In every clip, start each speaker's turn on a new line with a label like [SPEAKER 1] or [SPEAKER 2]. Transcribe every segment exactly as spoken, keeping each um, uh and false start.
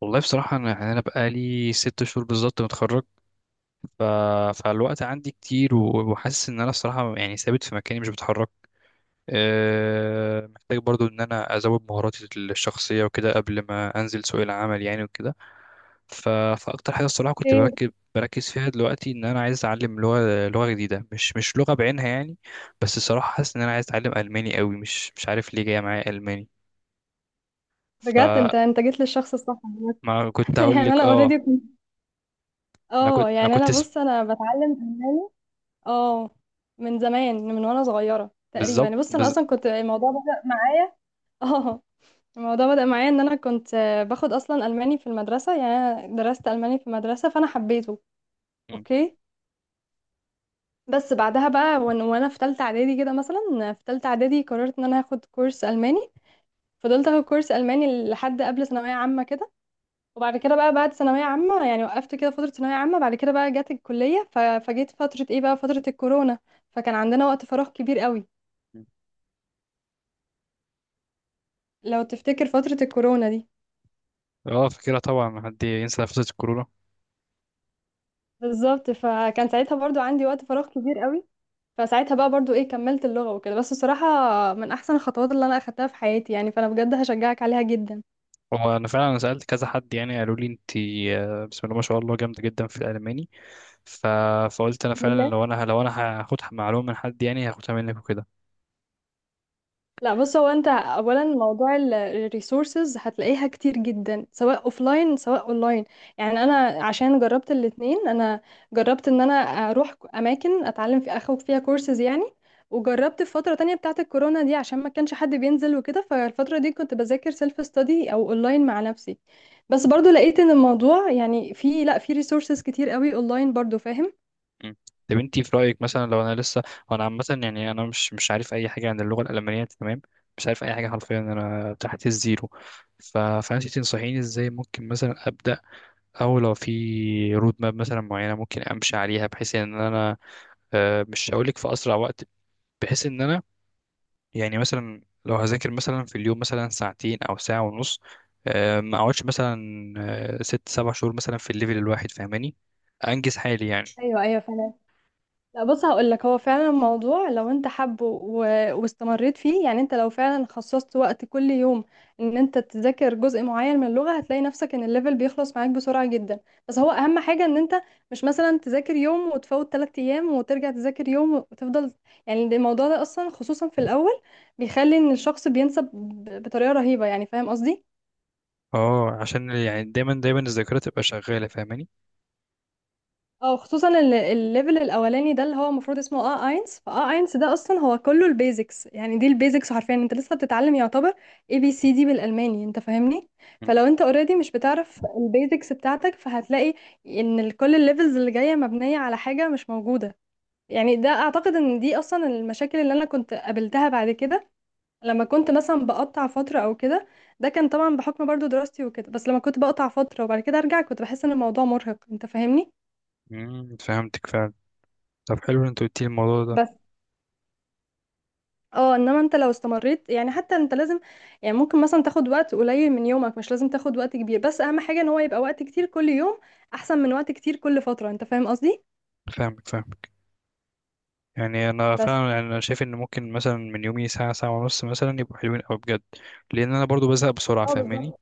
[SPEAKER 1] والله بصراحة، أنا يعني أنا بقالي ست شهور بالظبط متخرج. ف... فالوقت عندي كتير، و- وحاسس إن أنا الصراحة يعني ثابت في مكاني مش بتحرك. أه... محتاج برضو إن أنا أزود مهاراتي الشخصية وكده قبل ما أنزل سوق العمل يعني وكده. ف... فأكتر حاجة الصراحة كنت
[SPEAKER 2] ايه،
[SPEAKER 1] بركز بركز فيها دلوقتي إن أنا عايز أتعلم لغة لغة جديدة، مش مش لغة بعينها يعني. بس الصراحة حاسس إن أنا عايز أتعلم ألماني قوي، مش مش عارف ليه جاية معايا ألماني.
[SPEAKER 2] بجد
[SPEAKER 1] فما
[SPEAKER 2] انت انت جيت للشخص الصح عامة.
[SPEAKER 1] كنت هقول
[SPEAKER 2] يعني
[SPEAKER 1] لك
[SPEAKER 2] انا اوريدي
[SPEAKER 1] آه،
[SPEAKER 2] كنت،
[SPEAKER 1] أنا
[SPEAKER 2] اه
[SPEAKER 1] كنت أنا
[SPEAKER 2] يعني
[SPEAKER 1] كنت
[SPEAKER 2] انا
[SPEAKER 1] س-
[SPEAKER 2] بص انا بتعلم الماني. اه من زمان، من وانا صغيره
[SPEAKER 1] بالظبط.
[SPEAKER 2] تقريبا. بص انا اصلا كنت الموضوع بدأ معايا. اه الموضوع بدأ معايا ان انا كنت، آه، باخد اصلا الماني في المدرسه يعني. انا درست الماني في المدرسه، فانا حبيته.
[SPEAKER 1] مم.
[SPEAKER 2] اوكي. بس بعدها بقى، وان- وانا في ثالثه اعدادي كده، مثلا في ثالثه اعدادي قررت ان انا هاخد كورس الماني. فضلت اخد كورس الماني لحد قبل ثانويه عامه كده. وبعد كده بقى، بعد ثانوية عامة يعني، وقفت كده فترة ثانوية عامة. بعد كده بقى، جت الكلية ف- فجيت فترة ايه بقى، فترة الكورونا. فكان عندنا وقت فراغ كبير قوي، لو تفتكر فترة الكورونا دي.
[SPEAKER 1] اه، فاكرها طبعا، ما حد ينسى نفسة الكورونا.
[SPEAKER 2] بالظبط. فكان ساعتها برضو عندي وقت فراغ كبير قوي. فساعتها بقى برضو ايه، كملت اللغة وكده. بس الصراحة من احسن الخطوات اللي انا اخدتها في حياتي يعني، فانا بجد هشجعك عليها جدا.
[SPEAKER 1] هو انا فعلا انا سالت كذا حد، يعني قالوا لي انت آه، بسم الله ما شاء الله جامده جدا في الالماني. ف... فقلت انا فعلا لو انا لو انا هاخد معلومه من حد، يعني هاخدها منك وكده.
[SPEAKER 2] لا، بص، هو انت اولا موضوع الريسورسز هتلاقيها كتير جدا، سواء اوفلاين سواء اونلاين. يعني انا عشان جربت الاتنين، انا جربت ان انا اروح اماكن اتعلم في، اخد فيها كورسز يعني. وجربت في فترة تانية بتاعة الكورونا دي، عشان ما كانش حد بينزل وكده، فالفترة دي كنت بذاكر سيلف ستادي او اونلاين مع نفسي. بس برضو لقيت ان الموضوع يعني، في، لا، في ريسورسز كتير قوي اونلاين برضو، فاهم؟
[SPEAKER 1] مم. طب انت في رايك مثلا لو انا لسه، وانا عامه يعني انا مش مش عارف اي حاجه عن اللغه الالمانيه، تمام؟ مش عارف اي حاجه حرفيا، انا تحت الزيرو. ف... فانت تنصحيني ازاي ممكن مثلا ابدا، او لو في رود ماب مثلا معينه ممكن امشي عليها، بحيث ان انا آه، مش هقول لك في اسرع وقت، بحيث ان انا يعني مثلا لو هذاكر مثلا في اليوم مثلا ساعتين او ساعه ونص، آه، ما اقعدش مثلا آه، ست سبع شهور مثلا في الليفل الواحد، فاهماني؟ انجز حالي يعني.
[SPEAKER 2] ايوه، ايوه. لا، بص، هقول لك، هو فعلا الموضوع لو انت حابه و- واستمريت فيه، يعني انت لو فعلا خصصت وقت كل يوم، ان انت تذاكر جزء معين من اللغة، هتلاقي نفسك ان الليفل بيخلص معاك بسرعة جدا. بس هو اهم حاجة ان انت مش مثلا تذاكر يوم وتفوت ثلاث ايام وترجع تذاكر يوم وتفضل. يعني ده- الموضوع ده اصلا خصوصا في الاول، بيخلي ان الشخص بينسى ب- بطريقة رهيبة، يعني فاهم قصدي؟
[SPEAKER 1] اه، عشان يعني دايما دايما الذاكره تبقى شغاله، فاهماني.
[SPEAKER 2] اه، خصوصا ال- الليفل الاولاني ده، اللي هو المفروض اسمه اه اينس فاه اينس، ده اصلا هو كله البيزكس، يعني دي البيزكس حرفيا انت لسه بتتعلم يعتبر. اي بي سي دي بالالماني، انت فاهمني؟ فلو
[SPEAKER 1] م-
[SPEAKER 2] انت اوريدي مش بتعرف البيزكس بتاعتك، فهتلاقي ان ال- كل الليفلز اللي جايه مبنيه على حاجه مش موجوده. يعني ده اعتقد ان دي اصلا المشاكل اللي انا كنت قابلتها بعد كده، لما كنت مثلا بقطع فتره او كده. ده كان طبعا بحكم برضو دراستي وكده، بس لما كنت بقطع فتره وبعد كده ارجع، كنت بحس ان الموضوع مرهق، انت فاهمني؟
[SPEAKER 1] م- فهمتك فعلا. طب حلو ان انت قلت لي الموضوع ده.
[SPEAKER 2] بس، اه انما انت لو استمريت يعني، حتى انت لازم، يعني ممكن مثلا تاخد وقت قليل من يومك، مش لازم تاخد وقت كبير، بس اهم حاجة ان هو يبقى وقت كتير كل يوم، احسن من وقت كتير كل فترة، انت فاهم قصدي؟
[SPEAKER 1] فاهمك فاهمك، يعني انا
[SPEAKER 2] بس،
[SPEAKER 1] فعلا، يعني انا شايف ان ممكن مثلا من يومي ساعه ساعه ونص مثلا يبقوا حلوين قوي بجد. لان انا برضو بزهق بسرعه،
[SPEAKER 2] اه،
[SPEAKER 1] فاهماني.
[SPEAKER 2] بالظبط.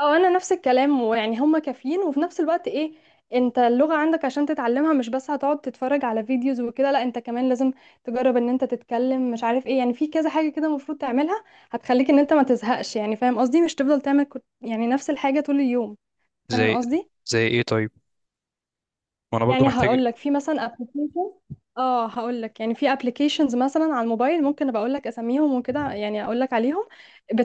[SPEAKER 2] اه، انا نفس الكلام، ويعني هما كافيين وفي نفس الوقت ايه، انت اللغة عندك عشان تتعلمها مش بس هتقعد تتفرج على فيديوز وكده، لا انت كمان لازم تجرب ان انت تتكلم، مش عارف ايه، يعني في كذا حاجة كده المفروض تعملها، هتخليك ان انت ما تزهقش، يعني فاهم قصدي، مش تفضل تعمل كت- يعني نفس الحاجة طول اليوم. فاهم
[SPEAKER 1] زي
[SPEAKER 2] قصدي؟
[SPEAKER 1] زي ايه طيب؟ وانا برضو
[SPEAKER 2] يعني
[SPEAKER 1] محتاج.
[SPEAKER 2] هقول لك في مثلا ابلكيشن، اه هقول لك يعني في ابلكيشنز مثلا على الموبايل، ممكن ابقى اقول لك اساميهم وكده، يعني اقول لك عليهم.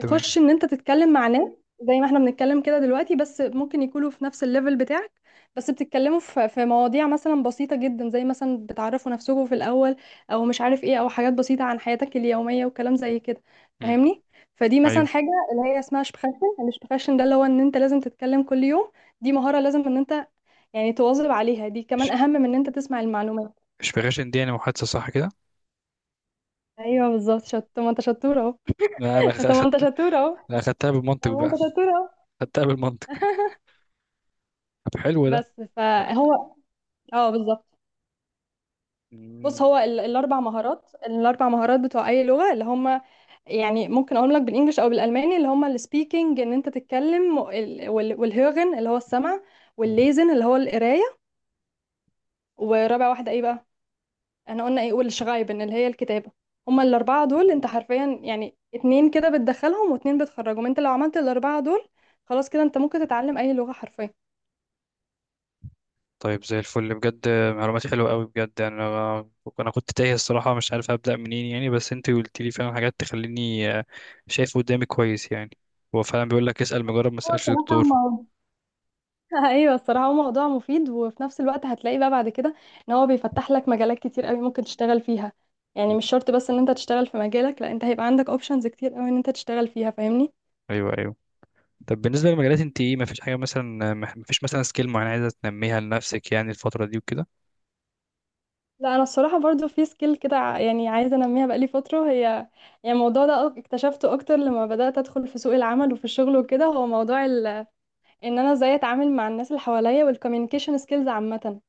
[SPEAKER 1] تمام.
[SPEAKER 2] ان انت تتكلم مع ناس، زي ما احنا بنتكلم كده دلوقتي، بس ممكن يكونوا في نفس الليفل بتاعك. بس بتتكلموا في في مواضيع مثلا بسيطة جدا، زي مثلا بتعرفوا نفسكم في الاول، او مش عارف ايه، او حاجات بسيطة عن حياتك اليومية وكلام زي كده.
[SPEAKER 1] امم.
[SPEAKER 2] فاهمني؟ فدي مثلا
[SPEAKER 1] ايوه.
[SPEAKER 2] حاجة اللي هي اسمها شبخاشن. الشبخاشن ده، اللي هو ان انت لازم تتكلم كل يوم. دي مهارة لازم ان انت يعني تواظب عليها، دي كمان
[SPEAKER 1] إش-
[SPEAKER 2] اهم من ان انت تسمع المعلومات.
[SPEAKER 1] اشفيغاشن دي يعني محادثه، صح كده؟
[SPEAKER 2] ايوه، بالظبط. شط طب ما انت شطوره اهو.
[SPEAKER 1] لا انا
[SPEAKER 2] طب ما انت
[SPEAKER 1] اخدت.
[SPEAKER 2] شطوره اهو.
[SPEAKER 1] لا اخدتها
[SPEAKER 2] طب
[SPEAKER 1] بالمنطق
[SPEAKER 2] ما
[SPEAKER 1] بقى.
[SPEAKER 2] انت شطوره
[SPEAKER 1] اخدتها
[SPEAKER 2] اهو.
[SPEAKER 1] بالمنطق. طب حلو ده.
[SPEAKER 2] بس فهو، اه، بالظبط. بص،
[SPEAKER 1] مم.
[SPEAKER 2] هو ال... الاربع مهارات الاربع مهارات بتوع اي لغه اللي هم، يعني ممكن اقول لك بالانجلش او بالالماني، اللي هم السبيكنج، ان انت تتكلم، وال... وال... والهيرن اللي هو السمع،
[SPEAKER 1] مم.
[SPEAKER 2] والليزن اللي هو القرايه. ورابع واحده ايه بقى؟ احنا قلنا ايه، والشغايبن اللي هي الكتابة. هما الأربعة دول، انت حرفيا يعني اتنين كده بتدخلهم واتنين بتخرجهم، انت لو عملت الأربعة دول، خلاص كده انت ممكن تتعلم أي لغة حرفيا.
[SPEAKER 1] طيب زي الفل بجد، معلومات حلوه قوي بجد، يعني انا، انا كنت تايه الصراحه، مش عارف ابدا منين يعني، بس انت قلت لي فعلا حاجات تخليني آه، شايف قدامي كويس يعني. هو فعلا بيقول لك اسال مجرب ما
[SPEAKER 2] هو
[SPEAKER 1] اسالش
[SPEAKER 2] صراحة
[SPEAKER 1] دكتور.
[SPEAKER 2] ما. ايوه، الصراحه هو موضوع مفيد، وفي نفس الوقت هتلاقي بقى بعد كده ان هو بيفتح لك مجالات كتير قوي ممكن تشتغل فيها، يعني
[SPEAKER 1] مم.
[SPEAKER 2] مش شرط بس ان انت تشتغل في مجالك، لا انت هيبقى عندك اوبشنز كتير قوي ان انت تشتغل فيها، فاهمني؟
[SPEAKER 1] ايوه ايوه. طب بالنسبه للمجالات انت ايه، ما فيش حاجه مثلا، ما فيش مثلا سكيل معينه عايزه تنميها لنفسك يعني الفتره دي وكده؟
[SPEAKER 2] لا، انا الصراحه برضو في سكيل كده ع- يعني عايزه انميها بقالي فتره هي، يعني الموضوع ده أك- اكتشفته اكتر لما بدات ادخل في سوق العمل وفي الشغل وكده. هو موضوع ال... ان انا ازاي اتعامل مع الناس اللي حواليا والكوميونيكيشن سكيلز عامه.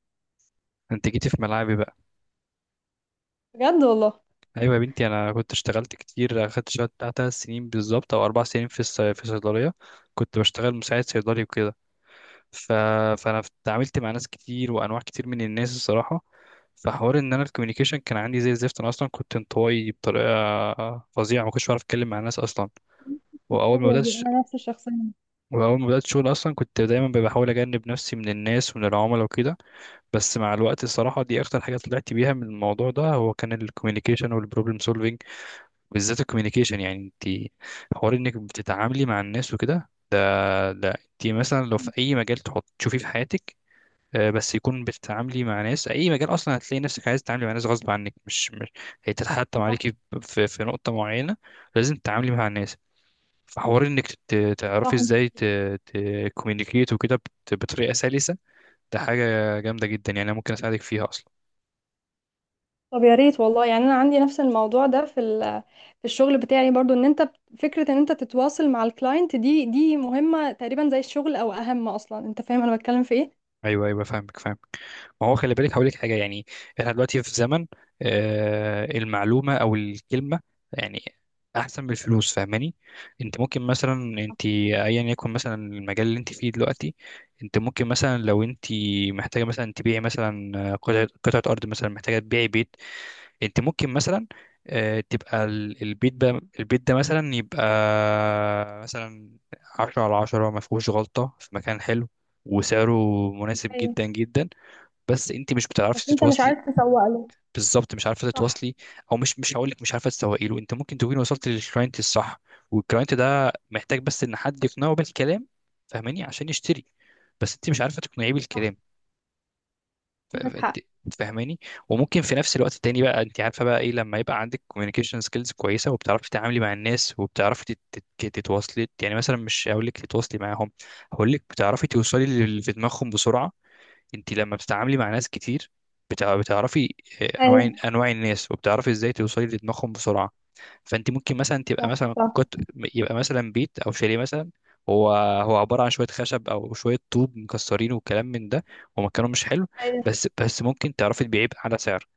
[SPEAKER 1] انت جيتي في ملعبي بقى.
[SPEAKER 2] بجد والله.
[SPEAKER 1] ايوه يا بنتي، انا كنت اشتغلت كتير، اخدت شغل بتاع تلات سنين بالظبط او اربع سنين في الص- في صيدليه، كنت بشتغل مساعد صيدلي وكده. ف... فانا اتعاملت مع ناس كتير وانواع كتير من الناس، الصراحه. فحوار ان انا الكوميونيكيشن كان عندي زي الزفت، انا اصلا كنت انطوائي بطريقه فظيعه، ما كنتش بعرف اتكلم مع الناس اصلا. واول ما
[SPEAKER 2] أيوة،
[SPEAKER 1] بدات
[SPEAKER 2] دي
[SPEAKER 1] ش-
[SPEAKER 2] انا نفس الشخصيه.
[SPEAKER 1] واول ما بدات شغل اصلا كنت دايما بحاول اجنب نفسي من الناس ومن العملاء وكده. بس مع الوقت الصراحه، دي اكتر حاجه طلعت بيها من الموضوع ده، هو كان الكوميونيكيشن والبروبلم، بالذات الكوميونيكيشن. يعني انت حوار انك بتتعاملي مع الناس وكده، ده ده انت مثلا لو في اي مجال تحط تشوفيه في حياتك آه، بس يكون بتتعاملي مع ناس، اي مجال اصلا هتلاقي نفسك عايز تتعاملي مع ناس غصب عنك، مش مش هيتحتم
[SPEAKER 2] صح،
[SPEAKER 1] عليكي في في نقطة معينة لازم تتعاملي مع الناس. فحوار انك تت- تعرفي
[SPEAKER 2] صح.
[SPEAKER 1] ازاي تكوميونيكيت وكده بت- بطريقة سلسة، ده حاجة جامدة جدا يعني انا ممكن اساعدك فيها.
[SPEAKER 2] طب يا ريت والله، يعني انا عندي نفس الموضوع ده في ال... في الشغل بتاعي برضو ان انت بت- فكره ان انت تتواصل مع الكلاينت، دي دي مهمه تقريبا زي الشغل او اهم اصلا، انت فاهم انا بتكلم في ايه؟
[SPEAKER 1] ايوه ايوه فاهمك فاهمك. ما هو خلي بالك هقول لك حاجه يعني، احنا دلوقتي في زمن آه المعلومه او الكلمه يعني احسن من الفلوس، فاهماني. انت ممكن مثلا، انت ايا يكن مثلا المجال اللي انت فيه دلوقتي، انت ممكن مثلا لو انت محتاجه مثلا تبيعي مثلا قطعه قطعه ارض، مثلا محتاجه تبيعي بيت. انت ممكن مثلا آه، تبقى ال- البيت ده، البيت ده مثلا يبقى مثلا عشرة على عشرة، ما فيهوش غلطة، في مكان حلو، وسعره مناسب
[SPEAKER 2] ايوه،
[SPEAKER 1] جدا جدا، بس انت مش
[SPEAKER 2] بس
[SPEAKER 1] بتعرفي
[SPEAKER 2] انت مش
[SPEAKER 1] تتواصلي.
[SPEAKER 2] عارف تسوق له.
[SPEAKER 1] بالظبط مش عارفه
[SPEAKER 2] صح.
[SPEAKER 1] تتواصلي. او مش مش هقول لك مش عارفه تسوقي له، انت ممكن تكوني وصلت للكلاينت الصح، والكلاينت ده محتاج بس ان حد يقنعه بالكلام، فاهماني، عشان يشتري، بس انت مش عارفه تقنعيه
[SPEAKER 2] صح.
[SPEAKER 1] بالكلام. ف- ف-
[SPEAKER 2] عندك
[SPEAKER 1] انت
[SPEAKER 2] حق.
[SPEAKER 1] فاهماني. وممكن في نفس الوقت التاني بقى، انت عارفه بقى ايه، لما يبقى عندك كوميونيكيشن سكيلز كويسه، وبتعرفي تتعاملي مع الناس، وبتعرفي تت- تت- تتواصلي، يعني مثلا مش هقول لك تتواصلي معاهم، هقول لك بتعرفي توصلي للي في دماغهم بسرعه. انت لما بتتعاملي مع ناس كتير بتع- بتعرفي آه،
[SPEAKER 2] ايوه.
[SPEAKER 1] انواع انواع الناس، وبتعرفي ازاي توصلي لدماغهم بسرعه. فانت ممكن مثلا تبقى
[SPEAKER 2] صح،
[SPEAKER 1] مثلا
[SPEAKER 2] صح.
[SPEAKER 1] كت... يبقى مثلا بيت او شاليه مثلا، هو هو عباره عن شويه خشب او شويه طوب مكسرين وكلام من ده، ومكانه مش حلو،
[SPEAKER 2] ايوه،
[SPEAKER 1] بس بس ممكن تعرفي تبيعيه على سعر.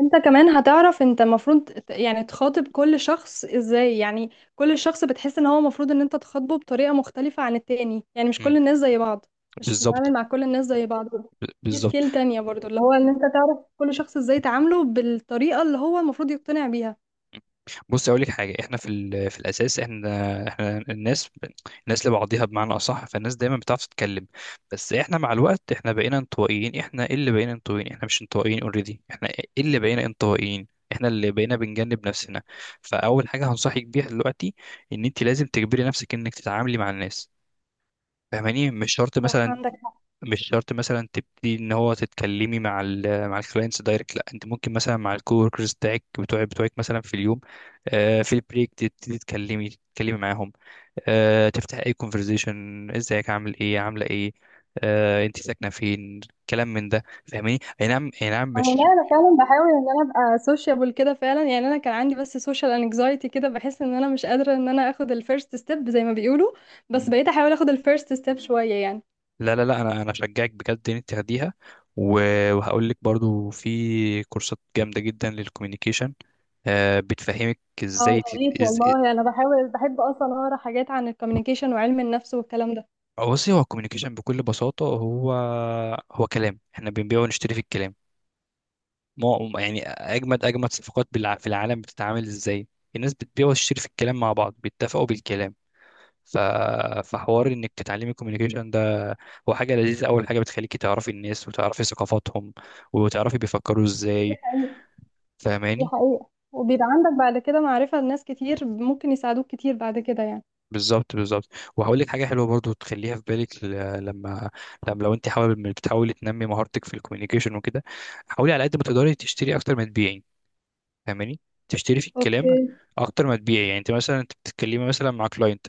[SPEAKER 2] انت كمان هتعرف، انت المفروض ت- يعني تخاطب كل شخص ازاي، يعني كل شخص بتحس ان هو المفروض ان انت تخاطبه بطريقة مختلفة عن التاني، يعني مش كل
[SPEAKER 1] مم.
[SPEAKER 2] الناس زي بعض، مش
[SPEAKER 1] بالظبط.
[SPEAKER 2] بتتعامل مع كل الناس زي بعض.
[SPEAKER 1] ب-
[SPEAKER 2] دي
[SPEAKER 1] بالظبط.
[SPEAKER 2] سكيل تانية برضو، اللي هو ان انت تعرف كل شخص ازاي تعامله بالطريقة اللي هو المفروض يقتنع بيها.
[SPEAKER 1] بص اقول لك حاجه، احنا في ال- في الاساس، احنا احنا الناس، الناس لبعضيها بمعنى اصح، فالناس دايما بتعرف تتكلم. بس احنا مع الوقت، احنا بقينا انطوائيين، احنا إيه اللي بقينا انطوائيين، احنا مش انطوائيين اوريدي، احنا إيه اللي بقينا انطوائيين، احنا اللي بقينا بنجنب نفسنا. فاول حاجه هنصحك بيها دلوقتي ان انت لازم تجبري نفسك انك تتعاملي مع الناس، فاهماني، مش شرط
[SPEAKER 2] صح،
[SPEAKER 1] مثلا،
[SPEAKER 2] عندك.
[SPEAKER 1] مش شرط مثلا تبتدي ان هو تتكلمي مع ال مع الكلاينتس دايركت، لا انت ممكن مثلا مع الكووركرز بتاعك بتوعك بتوعك مثلا في اليوم آه، في البريك تبتدي تتكلمي تتكلمي معاهم، آه، تفتح اي كونفرزيشن، ازيك، عامل ايه، عامله ايه، آه، انت ساكنه فين، كلام من ده، فاهماني. اي نعم اي نعم،
[SPEAKER 2] انا،
[SPEAKER 1] مش.
[SPEAKER 2] لا، انا فعلا بحاول ان انا ابقى سوشيبل كده فعلا، يعني انا كان عندي بس سوشيال انكزايتي كده، بحس ان انا مش قادره ان انا اخد الفيرست ستيب زي ما بيقولوا. بس بقيت احاول اخد الفيرست ستيب شويه يعني.
[SPEAKER 1] لا لا لا، انا انا اشجعك بجد ان انت تاخديها. و- وهقول لك برضو في كورسات جامده جدا للكوميونيكيشن، آه، بتفهمك
[SPEAKER 2] اه،
[SPEAKER 1] ازاي
[SPEAKER 2] يا
[SPEAKER 1] تت-
[SPEAKER 2] ريت
[SPEAKER 1] إز-
[SPEAKER 2] والله، انا بحاول بحب اصلا اقرا حاجات عن الكوميونيكيشن وعلم النفس والكلام ده.
[SPEAKER 1] آه، بصي. هو الكوميونيكيشن بكل بساطة، هو هو كلام، احنا بنبيع ونشتري في الكلام. ما يعني أجمد أجمد صفقات بالع- في العالم بتتعامل إزاي؟ الناس بتبيع وتشتري في الكلام، مع بعض بيتفقوا بالكلام. ف... فحوار إنك تتعلمي الكوميونيكيشن ده، هو حاجة لذيذة، أول حاجة بتخليكي تعرفي الناس وتعرفي ثقافاتهم وتعرفي بيفكروا
[SPEAKER 2] دي
[SPEAKER 1] إزاي،
[SPEAKER 2] حقيقة. دي
[SPEAKER 1] فاهماني.
[SPEAKER 2] حقيقة. وبيبقى عندك بعد كده معرفة لناس كتير، ممكن يساعدوك كتير بعد كده يعني.
[SPEAKER 1] بالظبط بالظبط. وهقول لك حاجه حلوه برضو تخليها في بالك ل- لما، لما لو انت حابب إنك بتحاولي تنمي مهارتك في الكوميونيكيشن وكده، حاولي على قد ما تقدري تشتري اكتر ما تبيعي، فاهماني. تشتري في الكلام
[SPEAKER 2] اوكي.
[SPEAKER 1] اكتر ما تبيعي، يعني انت مثلا، انت بتتكلمي مثلا مع كلاينت،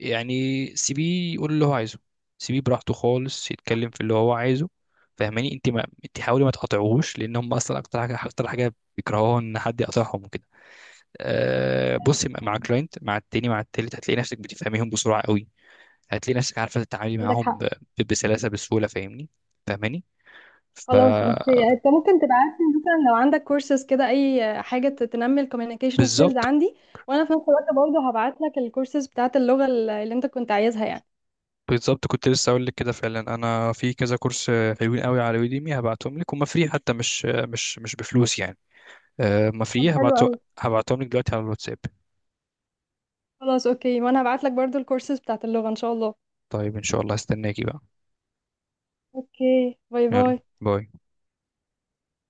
[SPEAKER 1] يعني سيبيه يقول اللي هو عايزه، سيبيه براحته خالص
[SPEAKER 2] صح.
[SPEAKER 1] يتكلم في اللي هو عايزه، فاهماني. انت، ما انت حاولي ما تقاطعوهوش، لان هم اصلا اكتر حاجه اكتر حاجه بيكرهوها ان حد يقاطعهم وكده. أه بصي، مع كلاينت، مع client، مع التاني، مع التالت، هتلاقي نفسك بتفهميهم بسرعه قوي، هتلاقي نفسك عارفه تتعاملي
[SPEAKER 2] عندك
[SPEAKER 1] معاهم
[SPEAKER 2] حق.
[SPEAKER 1] ب- ب- بسلاسه، بسهوله، فاهمني، فاهماني،
[SPEAKER 2] خلاص، بس
[SPEAKER 1] فبالظبط.
[SPEAKER 2] يعني انت ممكن تبعت لي مثلا لو عندك كورسز كده، اي حاجه ت- تنمي الكوميونيكيشن سكيلز
[SPEAKER 1] بالظبط
[SPEAKER 2] عندي، وانا في نفس الوقت برضه هبعت لك الكورسز بتاعت اللغه ال- اللي انت كنت عايزها يعني.
[SPEAKER 1] بالظبط، كنت لسه اقول لك كده فعلا، انا في كذا كورس حلوين قوي على يوديمي، هبعتهم لك، هما فري حتى، مش مش مش بفلوس يعني، أه، هما
[SPEAKER 2] طب
[SPEAKER 1] فري،
[SPEAKER 2] حلو
[SPEAKER 1] هبعته.
[SPEAKER 2] قوي.
[SPEAKER 1] هبعتهم لك دلوقتي على الواتساب.
[SPEAKER 2] خلاص، اوكي، وانا هبعت لك برضه الكورسز بتاعت اللغه ان شاء الله.
[SPEAKER 1] طيب ان شاء الله هستناكي بقى.
[SPEAKER 2] اوكي، باي
[SPEAKER 1] يلا
[SPEAKER 2] باي.
[SPEAKER 1] باي.